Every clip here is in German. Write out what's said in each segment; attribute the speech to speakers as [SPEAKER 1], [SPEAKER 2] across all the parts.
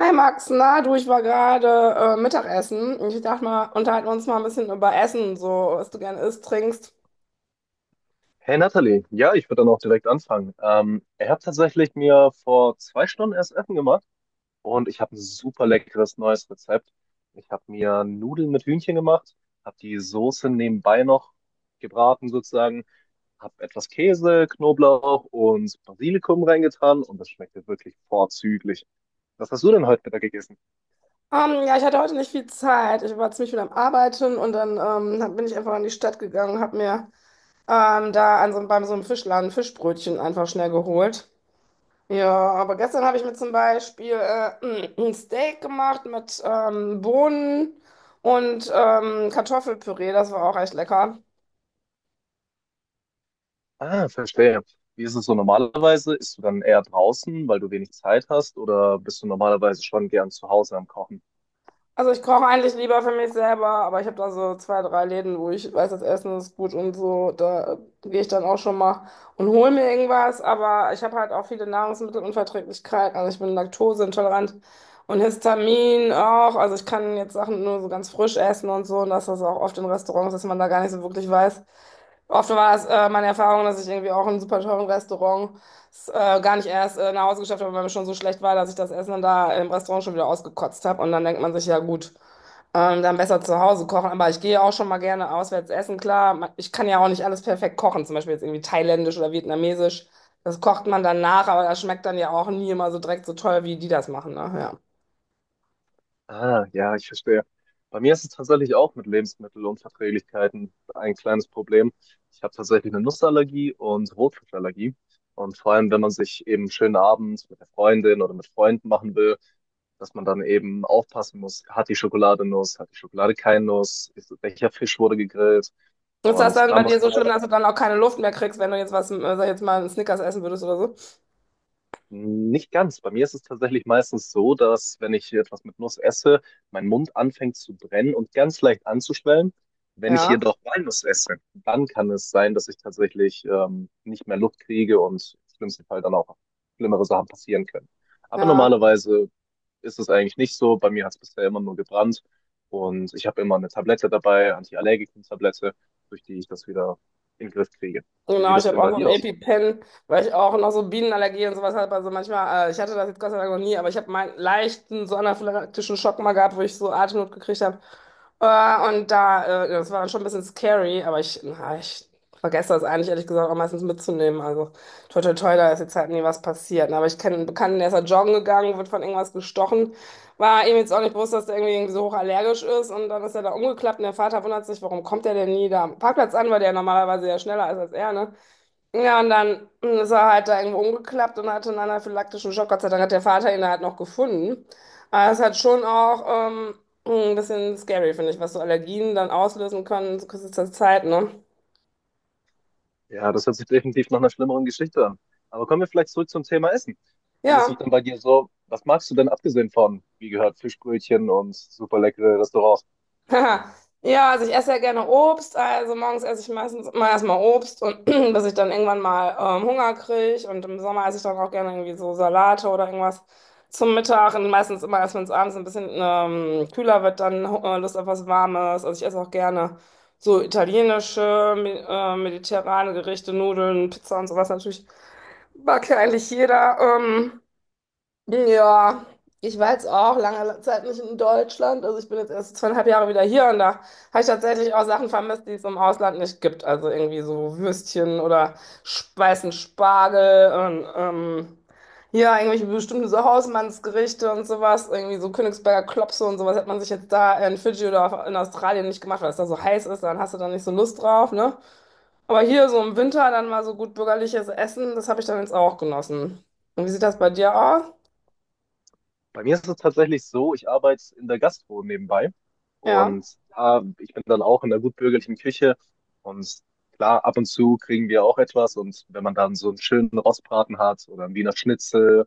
[SPEAKER 1] Hi Max, na du, ich war gerade Mittagessen. Ich dachte mal, unterhalten wir uns mal ein bisschen über Essen, so was du gerne isst, trinkst.
[SPEAKER 2] Hey Nathalie, ja, ich würde dann auch direkt anfangen. Ich habe tatsächlich mir vor 2 Stunden erst Essen gemacht und ich habe ein super leckeres neues Rezept. Ich habe mir Nudeln mit Hühnchen gemacht, habe die Soße nebenbei noch gebraten sozusagen, habe etwas Käse, Knoblauch und Basilikum reingetan und das schmeckte wirklich vorzüglich. Was hast du denn heute Mittag gegessen?
[SPEAKER 1] Ja, ich hatte heute nicht viel Zeit. Ich war ziemlich viel am Arbeiten und dann bin ich einfach in die Stadt gegangen, habe mir da an beim so einem Fischladen Fischbrötchen einfach schnell geholt. Ja, aber gestern habe ich mir zum Beispiel ein Steak gemacht mit Bohnen und Kartoffelpüree. Das war auch echt lecker.
[SPEAKER 2] Ah, verstehe. Wie ist es so normalerweise? Isst du dann eher draußen, weil du wenig Zeit hast, oder bist du normalerweise schon gern zu Hause am Kochen?
[SPEAKER 1] Also ich koche eigentlich lieber für mich selber, aber ich habe da so zwei, drei Läden, wo ich weiß, das Essen ist gut und so. Da gehe ich dann auch schon mal und hole mir irgendwas. Aber ich habe halt auch viele Nahrungsmittelunverträglichkeiten. Also ich bin laktoseintolerant und Histamin auch. Also ich kann jetzt Sachen nur so ganz frisch essen und so. Und das ist auch oft in Restaurants, dass man da gar nicht so wirklich weiß. Oft war es meine Erfahrung, dass ich irgendwie auch in einem super teuren Restaurant gar nicht erst nach Hause geschafft habe, weil mir schon so schlecht war, dass ich das Essen dann da im Restaurant schon wieder ausgekotzt habe. Und dann denkt man sich, ja gut, dann besser zu Hause kochen. Aber ich gehe auch schon mal gerne auswärts essen, klar. Ich kann ja auch nicht alles perfekt kochen, zum Beispiel jetzt irgendwie thailändisch oder vietnamesisch. Das kocht man dann nach, aber das schmeckt dann ja auch nie immer so direkt so toll, wie die das machen. Ne? Ja.
[SPEAKER 2] Ah, ja, ich verstehe. Bei mir ist es tatsächlich auch mit Lebensmittelunverträglichkeiten ein kleines Problem. Ich habe tatsächlich eine Nussallergie und Rotfruchtallergie. Und vor allem, wenn man sich eben einen schönen Abend mit der Freundin oder mit Freunden machen will, dass man dann eben aufpassen muss, hat die Schokolade Nuss, hat die Schokolade keine Nuss, ist, welcher Fisch wurde gegrillt.
[SPEAKER 1] Ist das
[SPEAKER 2] Und
[SPEAKER 1] dann
[SPEAKER 2] da
[SPEAKER 1] bei
[SPEAKER 2] muss
[SPEAKER 1] dir
[SPEAKER 2] ich
[SPEAKER 1] so schlimm,
[SPEAKER 2] leider.
[SPEAKER 1] dass du dann auch keine Luft mehr kriegst, wenn du jetzt was, sag ich jetzt mal, einen Snickers essen würdest oder so?
[SPEAKER 2] Nicht ganz. Bei mir ist es tatsächlich meistens so, dass wenn ich hier etwas mit Nuss esse, mein Mund anfängt zu brennen und ganz leicht anzuschwellen. Wenn ich
[SPEAKER 1] Ja,
[SPEAKER 2] jedoch Walnuss esse, dann kann es sein, dass ich tatsächlich nicht mehr Luft kriege und im schlimmsten Fall dann auch schlimmere Sachen passieren können. Aber
[SPEAKER 1] ja.
[SPEAKER 2] normalerweise ist es eigentlich nicht so. Bei mir hat es bisher immer nur gebrannt und ich habe immer eine Tablette dabei, Antiallergikum-Tablette, durch die ich das wieder in den Griff kriege. Wie sieht
[SPEAKER 1] Genau, ich
[SPEAKER 2] es
[SPEAKER 1] habe
[SPEAKER 2] denn
[SPEAKER 1] auch
[SPEAKER 2] bei
[SPEAKER 1] so ein
[SPEAKER 2] dir aus?
[SPEAKER 1] EpiPen, weil ich auch noch so Bienenallergie und sowas habe. Also manchmal, ich hatte das jetzt Gott sei Dank noch nie, aber ich habe meinen leichten so anaphylaktischen Schock mal gehabt, wo ich so Atemnot gekriegt habe. Und da das war dann schon ein bisschen scary, aber ich, na, ich vergesse das eigentlich, ehrlich gesagt, auch meistens mitzunehmen. Also toi toi toi, da ist jetzt halt nie was passiert. Ne? Aber ich kenne einen Bekannten, der ist halt joggen gegangen, wird von irgendwas gestochen. War ihm jetzt auch nicht bewusst, dass der irgendwie so hochallergisch ist und dann ist er da umgeklappt und der Vater wundert sich, warum kommt der denn nie da am Parkplatz an, weil der normalerweise ja schneller ist als er, ne? Ja, und dann ist er halt da irgendwo umgeklappt und hatte einen anaphylaktischen Schock. Gott sei Dank hat der Vater ihn halt noch gefunden. Aber es hat schon auch ein bisschen scary, finde ich, was so Allergien dann auslösen können zu kurzer Zeit, ne?
[SPEAKER 2] Ja, das hört sich definitiv nach einer schlimmeren Geschichte an. Aber kommen wir vielleicht zurück zum Thema Essen. Wie ist es
[SPEAKER 1] Ja,
[SPEAKER 2] denn bei dir so? Was magst du denn abgesehen von, wie gehört, Fischbrötchen und super leckere Restaurants?
[SPEAKER 1] Haha. Ja, also ich esse ja gerne Obst, also morgens esse ich meistens immer erstmal Obst und bis ich dann irgendwann mal Hunger kriege und im Sommer esse ich dann auch gerne irgendwie so Salate oder irgendwas zum Mittag und meistens immer erst, wenn es abends ein bisschen kühler wird, dann Lust auf was Warmes. Also ich esse auch gerne so mediterrane Gerichte, Nudeln, Pizza und sowas natürlich. Mag ja eigentlich jeder. Ja, ich war jetzt auch lange Zeit nicht in Deutschland. Also ich bin jetzt erst 2,5 Jahre wieder hier und da habe ich tatsächlich auch Sachen vermisst, die es im Ausland nicht gibt. Also irgendwie so Würstchen oder weißen Spargel und ja, irgendwelche bestimmten so Hausmannsgerichte und sowas. Irgendwie so Königsberger Klopse und sowas hat man sich jetzt da in Fidschi oder in Australien nicht gemacht, weil es da so heiß ist, dann hast du da nicht so Lust drauf, ne? Aber hier so im Winter dann mal so gut bürgerliches Essen, das habe ich dann jetzt auch genossen. Und wie sieht das bei dir aus?
[SPEAKER 2] Bei mir ist es tatsächlich so, ich arbeite in der Gastro nebenbei
[SPEAKER 1] Ja.
[SPEAKER 2] und da, ich bin dann auch in der gutbürgerlichen Küche, und klar, ab und zu kriegen wir auch etwas, und wenn man dann so einen schönen Rostbraten hat oder einen Wiener Schnitzel.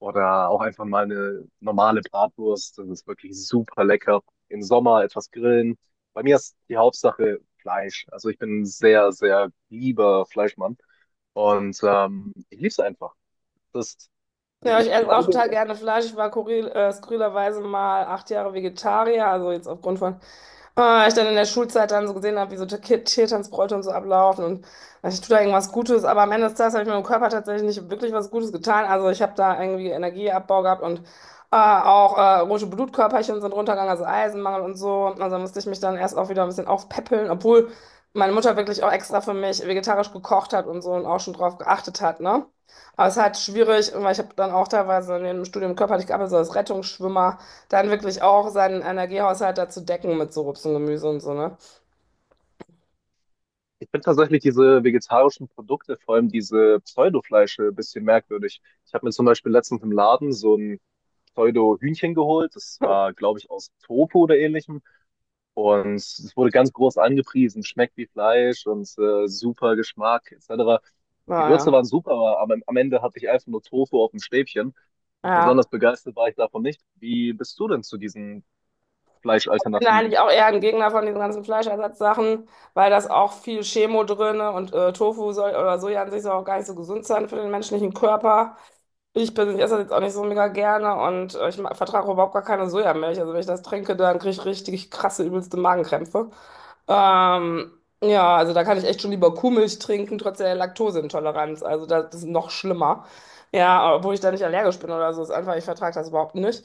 [SPEAKER 2] Oder auch einfach mal eine normale Bratwurst. Das ist wirklich super lecker. Im Sommer etwas grillen. Bei mir ist die Hauptsache Fleisch. Also ich bin ein sehr, sehr lieber Fleischmann. Und ich liebe es einfach. Das, ich,
[SPEAKER 1] Ja, ich
[SPEAKER 2] ich
[SPEAKER 1] esse auch
[SPEAKER 2] glaube, ich
[SPEAKER 1] total
[SPEAKER 2] esse.
[SPEAKER 1] gerne Fleisch. Ich war skurrilerweise mal 8 Jahre Vegetarier, also jetzt aufgrund von ich dann in der Schulzeit dann so gesehen habe, wie so Tiertanzbräute und so ablaufen und ich tue da irgendwas Gutes, aber am Ende des Tages habe ich meinem Körper tatsächlich nicht wirklich was Gutes getan. Also ich habe da irgendwie Energieabbau gehabt und auch rote Blutkörperchen sind runtergegangen, also Eisenmangel und so. Also musste ich mich dann erst auch wieder ein bisschen aufpäppeln, obwohl meine Mutter wirklich auch extra für mich vegetarisch gekocht hat und so und auch schon drauf geachtet hat, ne? Aber es ist halt schwierig, weil ich habe dann auch teilweise in dem Studium körperlich gearbeitet, so als Rettungsschwimmer. Dann wirklich auch seinen Energiehaushalt dazu decken mit so Obst und Gemüse und so, ne?
[SPEAKER 2] Ich finde tatsächlich diese vegetarischen Produkte, vor allem diese Pseudofleische, ein bisschen merkwürdig. Ich habe mir zum Beispiel letztens im Laden so ein Pseudo-Hühnchen geholt. Das war, glaube ich, aus Tofu oder ähnlichem. Und es wurde ganz groß angepriesen, schmeckt wie Fleisch und super Geschmack etc. Gewürze
[SPEAKER 1] Naja.
[SPEAKER 2] waren super, aber am Ende hatte ich einfach nur Tofu auf dem Stäbchen. Besonders
[SPEAKER 1] Ja.
[SPEAKER 2] begeistert war ich davon nicht. Wie bist du denn zu diesen
[SPEAKER 1] Ich bin da
[SPEAKER 2] Fleischalternativen?
[SPEAKER 1] eigentlich auch eher ein Gegner von diesen ganzen Fleischersatzsachen, weil das auch viel Chemo drin und Tofu soll, oder Soja an sich soll auch gar nicht so gesund sein für den menschlichen Körper. Ich persönlich esse das jetzt auch nicht so mega gerne und ich vertrage überhaupt gar keine Sojamilch. Also wenn ich das trinke, dann kriege ich richtig krasse, übelste Magenkrämpfe. Ähm, ja, also da kann ich echt schon lieber Kuhmilch trinken, trotz der Laktoseintoleranz. Also das ist noch schlimmer. Ja, obwohl ich da nicht allergisch bin oder so. Ist einfach, ich vertrage das überhaupt nicht.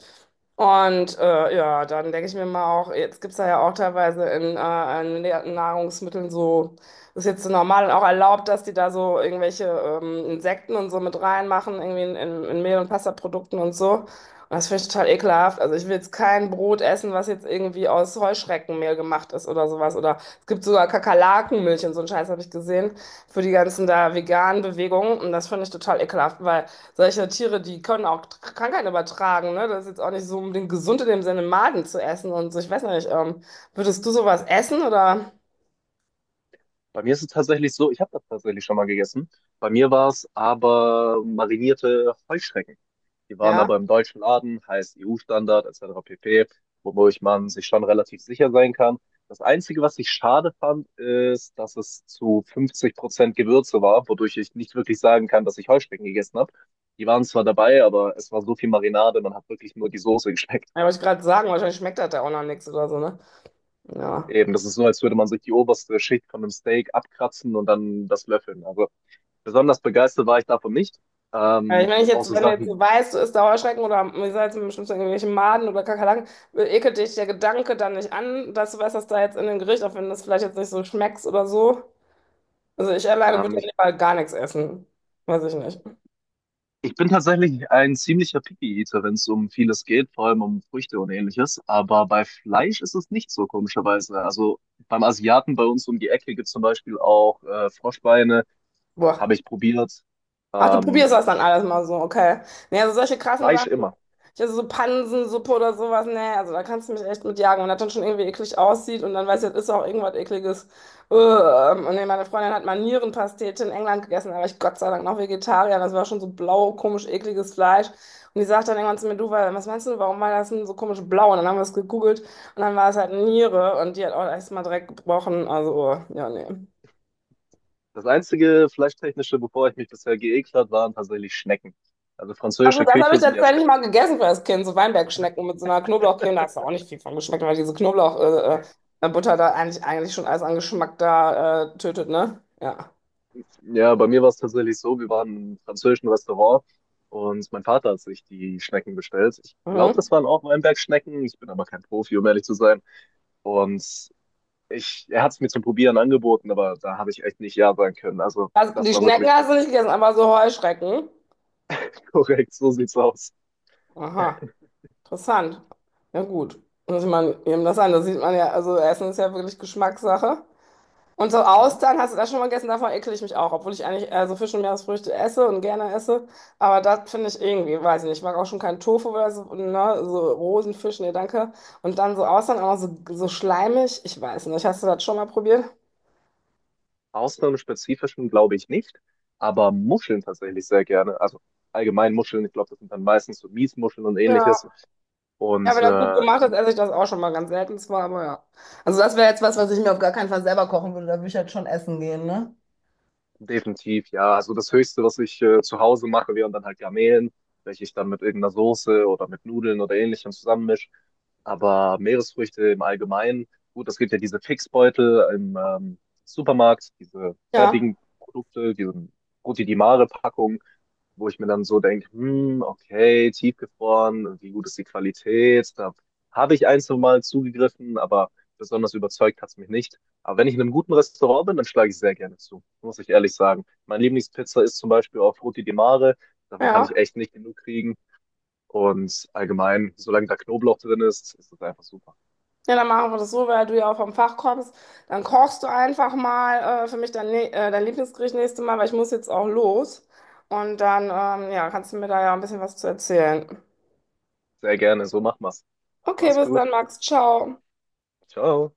[SPEAKER 1] Und ja, dann denke ich mir mal auch, jetzt gibt es da ja auch teilweise in Nahrungsmitteln so, ist jetzt so normal und auch erlaubt, dass die da so irgendwelche Insekten und so mit reinmachen, irgendwie in Mehl- und Pastaprodukten und so. Das finde ich total ekelhaft. Also ich will jetzt kein Brot essen, was jetzt irgendwie aus Heuschreckenmehl gemacht ist oder sowas. Oder es gibt sogar Kakerlakenmilch und so einen Scheiß habe ich gesehen für die ganzen da veganen Bewegungen. Und das finde ich total ekelhaft, weil solche Tiere, die können auch Krankheiten übertragen. Ne? Das ist jetzt auch nicht so unbedingt gesund in dem Sinne, Maden zu essen und so. Ich weiß nicht, würdest du sowas essen oder?
[SPEAKER 2] Bei mir ist es tatsächlich so, ich habe das tatsächlich schon mal gegessen. Bei mir war es aber marinierte Heuschrecken. Die waren
[SPEAKER 1] Ja,
[SPEAKER 2] aber im deutschen Laden, heißt EU-Standard etc. pp., wodurch man sich schon relativ sicher sein kann. Das Einzige, was ich schade fand, ist, dass es zu 50% Gewürze war, wodurch ich nicht wirklich sagen kann, dass ich Heuschrecken gegessen habe. Die waren zwar dabei, aber es war so viel Marinade, man hat wirklich nur die Soße geschmeckt.
[SPEAKER 1] ja, wollte ich gerade sagen, wahrscheinlich schmeckt das da auch noch nichts oder so, ne? Ja.
[SPEAKER 2] Eben, das ist so, als würde man sich die oberste Schicht von einem Steak abkratzen und dann das löffeln. Also besonders begeistert war ich davon nicht.
[SPEAKER 1] Ja, ich meine, ich
[SPEAKER 2] Auch
[SPEAKER 1] jetzt,
[SPEAKER 2] so
[SPEAKER 1] wenn du jetzt
[SPEAKER 2] Sachen,
[SPEAKER 1] weißt, du isst da Heuschrecken oder wie gesagt, im schlimmsten Fall irgendwelche Maden oder Kakerlaken, ekelt dich der Gedanke dann nicht an, dass du weißt, dass da jetzt in dem Gericht, auch wenn das vielleicht jetzt nicht so schmeckt oder so. Also ich alleine würde ja
[SPEAKER 2] ich
[SPEAKER 1] lieber gar nichts essen. Weiß ich nicht.
[SPEAKER 2] Ich bin tatsächlich ein ziemlicher Picky-Eater, wenn es um vieles geht, vor allem um Früchte und ähnliches. Aber bei Fleisch ist es nicht so, komischerweise. Also beim Asiaten bei uns um die Ecke gibt es zum Beispiel auch Froschbeine,
[SPEAKER 1] Boah.
[SPEAKER 2] habe ich probiert.
[SPEAKER 1] Ach, du
[SPEAKER 2] Ähm,
[SPEAKER 1] probierst das dann alles mal so, okay. Nee, also solche krassen
[SPEAKER 2] Fleisch
[SPEAKER 1] Sachen,
[SPEAKER 2] immer.
[SPEAKER 1] ich also so Pansensuppe oder sowas, nee, also da kannst du mich echt mit jagen. Und das dann schon irgendwie eklig aussieht und dann weiß ich, das ist auch irgendwas Ekliges. Und nee, meine Freundin hat mal Nierenpastete in England gegessen, da war ich Gott sei Dank noch Vegetarier. Das war schon so blau, komisch, ekliges Fleisch. Und die sagt dann irgendwann zu mir, du, was meinst du, warum war das denn so komisch blau? Und dann haben wir es gegoogelt und dann war es halt Niere und die hat auch erst mal direkt gebrochen. Also, oh, ja, nee.
[SPEAKER 2] Das einzige Fleischtechnische, bevor ich mich bisher geekelt habe, waren tatsächlich Schnecken. Also
[SPEAKER 1] Also
[SPEAKER 2] französische
[SPEAKER 1] das habe
[SPEAKER 2] Küche
[SPEAKER 1] ich
[SPEAKER 2] sind ja.
[SPEAKER 1] tatsächlich mal gegessen für das Kind, so Weinbergschnecken mit so einer Knoblauchcreme. Da hast du auch nicht viel von geschmeckt, weil diese Butter da eigentlich schon alles an Geschmack da tötet, ne? Ja.
[SPEAKER 2] Ja, bei mir war es tatsächlich so, wir waren im französischen Restaurant und mein Vater hat sich die Schnecken bestellt. Ich glaube,
[SPEAKER 1] Mhm.
[SPEAKER 2] das waren auch Weinbergschnecken. Ich bin aber kein Profi, um ehrlich zu sein. Und er hat es mir zum Probieren angeboten, aber da habe ich echt nicht ja sagen können. Also
[SPEAKER 1] Also
[SPEAKER 2] das
[SPEAKER 1] die
[SPEAKER 2] war
[SPEAKER 1] Schnecken
[SPEAKER 2] wirklich.
[SPEAKER 1] hast du nicht gegessen, aber so Heuschrecken.
[SPEAKER 2] Korrekt, so sieht's aus.
[SPEAKER 1] Aha, interessant. Ja gut. Muss ich mal eben das an. Das sieht man ja, also Essen ist ja wirklich Geschmackssache. Und so
[SPEAKER 2] Mhm.
[SPEAKER 1] Austern, hast du das schon mal gegessen? Davon ekle ich mich auch, obwohl ich eigentlich so Fisch und Meeresfrüchte esse und gerne esse. Aber das finde ich irgendwie, weiß ich nicht, ich mag auch schon keinen Tofu oder so, ne? So Rosenfisch, nee, danke. Und dann so Austern, auch noch so, so schleimig, ich weiß nicht. Hast du das schon mal probiert?
[SPEAKER 2] Ausnahmen glaube ich nicht, aber Muscheln tatsächlich sehr gerne. Also allgemein Muscheln, ich glaube, das sind dann meistens so Miesmuscheln und
[SPEAKER 1] Ja,
[SPEAKER 2] ähnliches.
[SPEAKER 1] ja,
[SPEAKER 2] Und
[SPEAKER 1] wenn das gut
[SPEAKER 2] ich
[SPEAKER 1] gemacht ist,
[SPEAKER 2] bin.
[SPEAKER 1] esse ich das auch schon mal ganz selten zwar, aber ja. Also das wäre jetzt was, was ich mir auf gar keinen Fall selber kochen würde, da würde ich halt schon essen gehen, ne?
[SPEAKER 2] Definitiv, ja. Also das Höchste, was ich zu Hause mache, wären dann halt Garnelen, welche ich dann mit irgendeiner Soße oder mit Nudeln oder ähnlichem zusammenmisch. Aber Meeresfrüchte im Allgemeinen, gut, es gibt ja diese Fixbeutel im Supermarkt, diese
[SPEAKER 1] Ja,
[SPEAKER 2] fertigen Produkte, diese Frutti di Mare-Packung, wo ich mir dann so denke, hm, okay, tiefgefroren, wie gut ist die Qualität? Da habe ich ein, zwei Mal zugegriffen, aber besonders überzeugt hat es mich nicht. Aber wenn ich in einem guten Restaurant bin, dann schlage ich sehr gerne zu, muss ich ehrlich sagen. Meine Lieblingspizza ist zum Beispiel auf Roti di Mare. Davon kann ich
[SPEAKER 1] ja.
[SPEAKER 2] echt nicht genug kriegen. Und allgemein, solange da Knoblauch drin ist, ist das einfach super.
[SPEAKER 1] Ja, dann machen wir das so, weil du ja auch vom Fach kommst. Dann kochst du einfach mal für mich dein Lieblingsgericht nächstes Mal, weil ich muss jetzt auch los. Und dann, ja, kannst du mir da ja ein bisschen was zu erzählen.
[SPEAKER 2] Sehr gerne, so machen wir's.
[SPEAKER 1] Okay,
[SPEAKER 2] Mach's
[SPEAKER 1] bis
[SPEAKER 2] gut.
[SPEAKER 1] dann, Max. Ciao.
[SPEAKER 2] Ciao.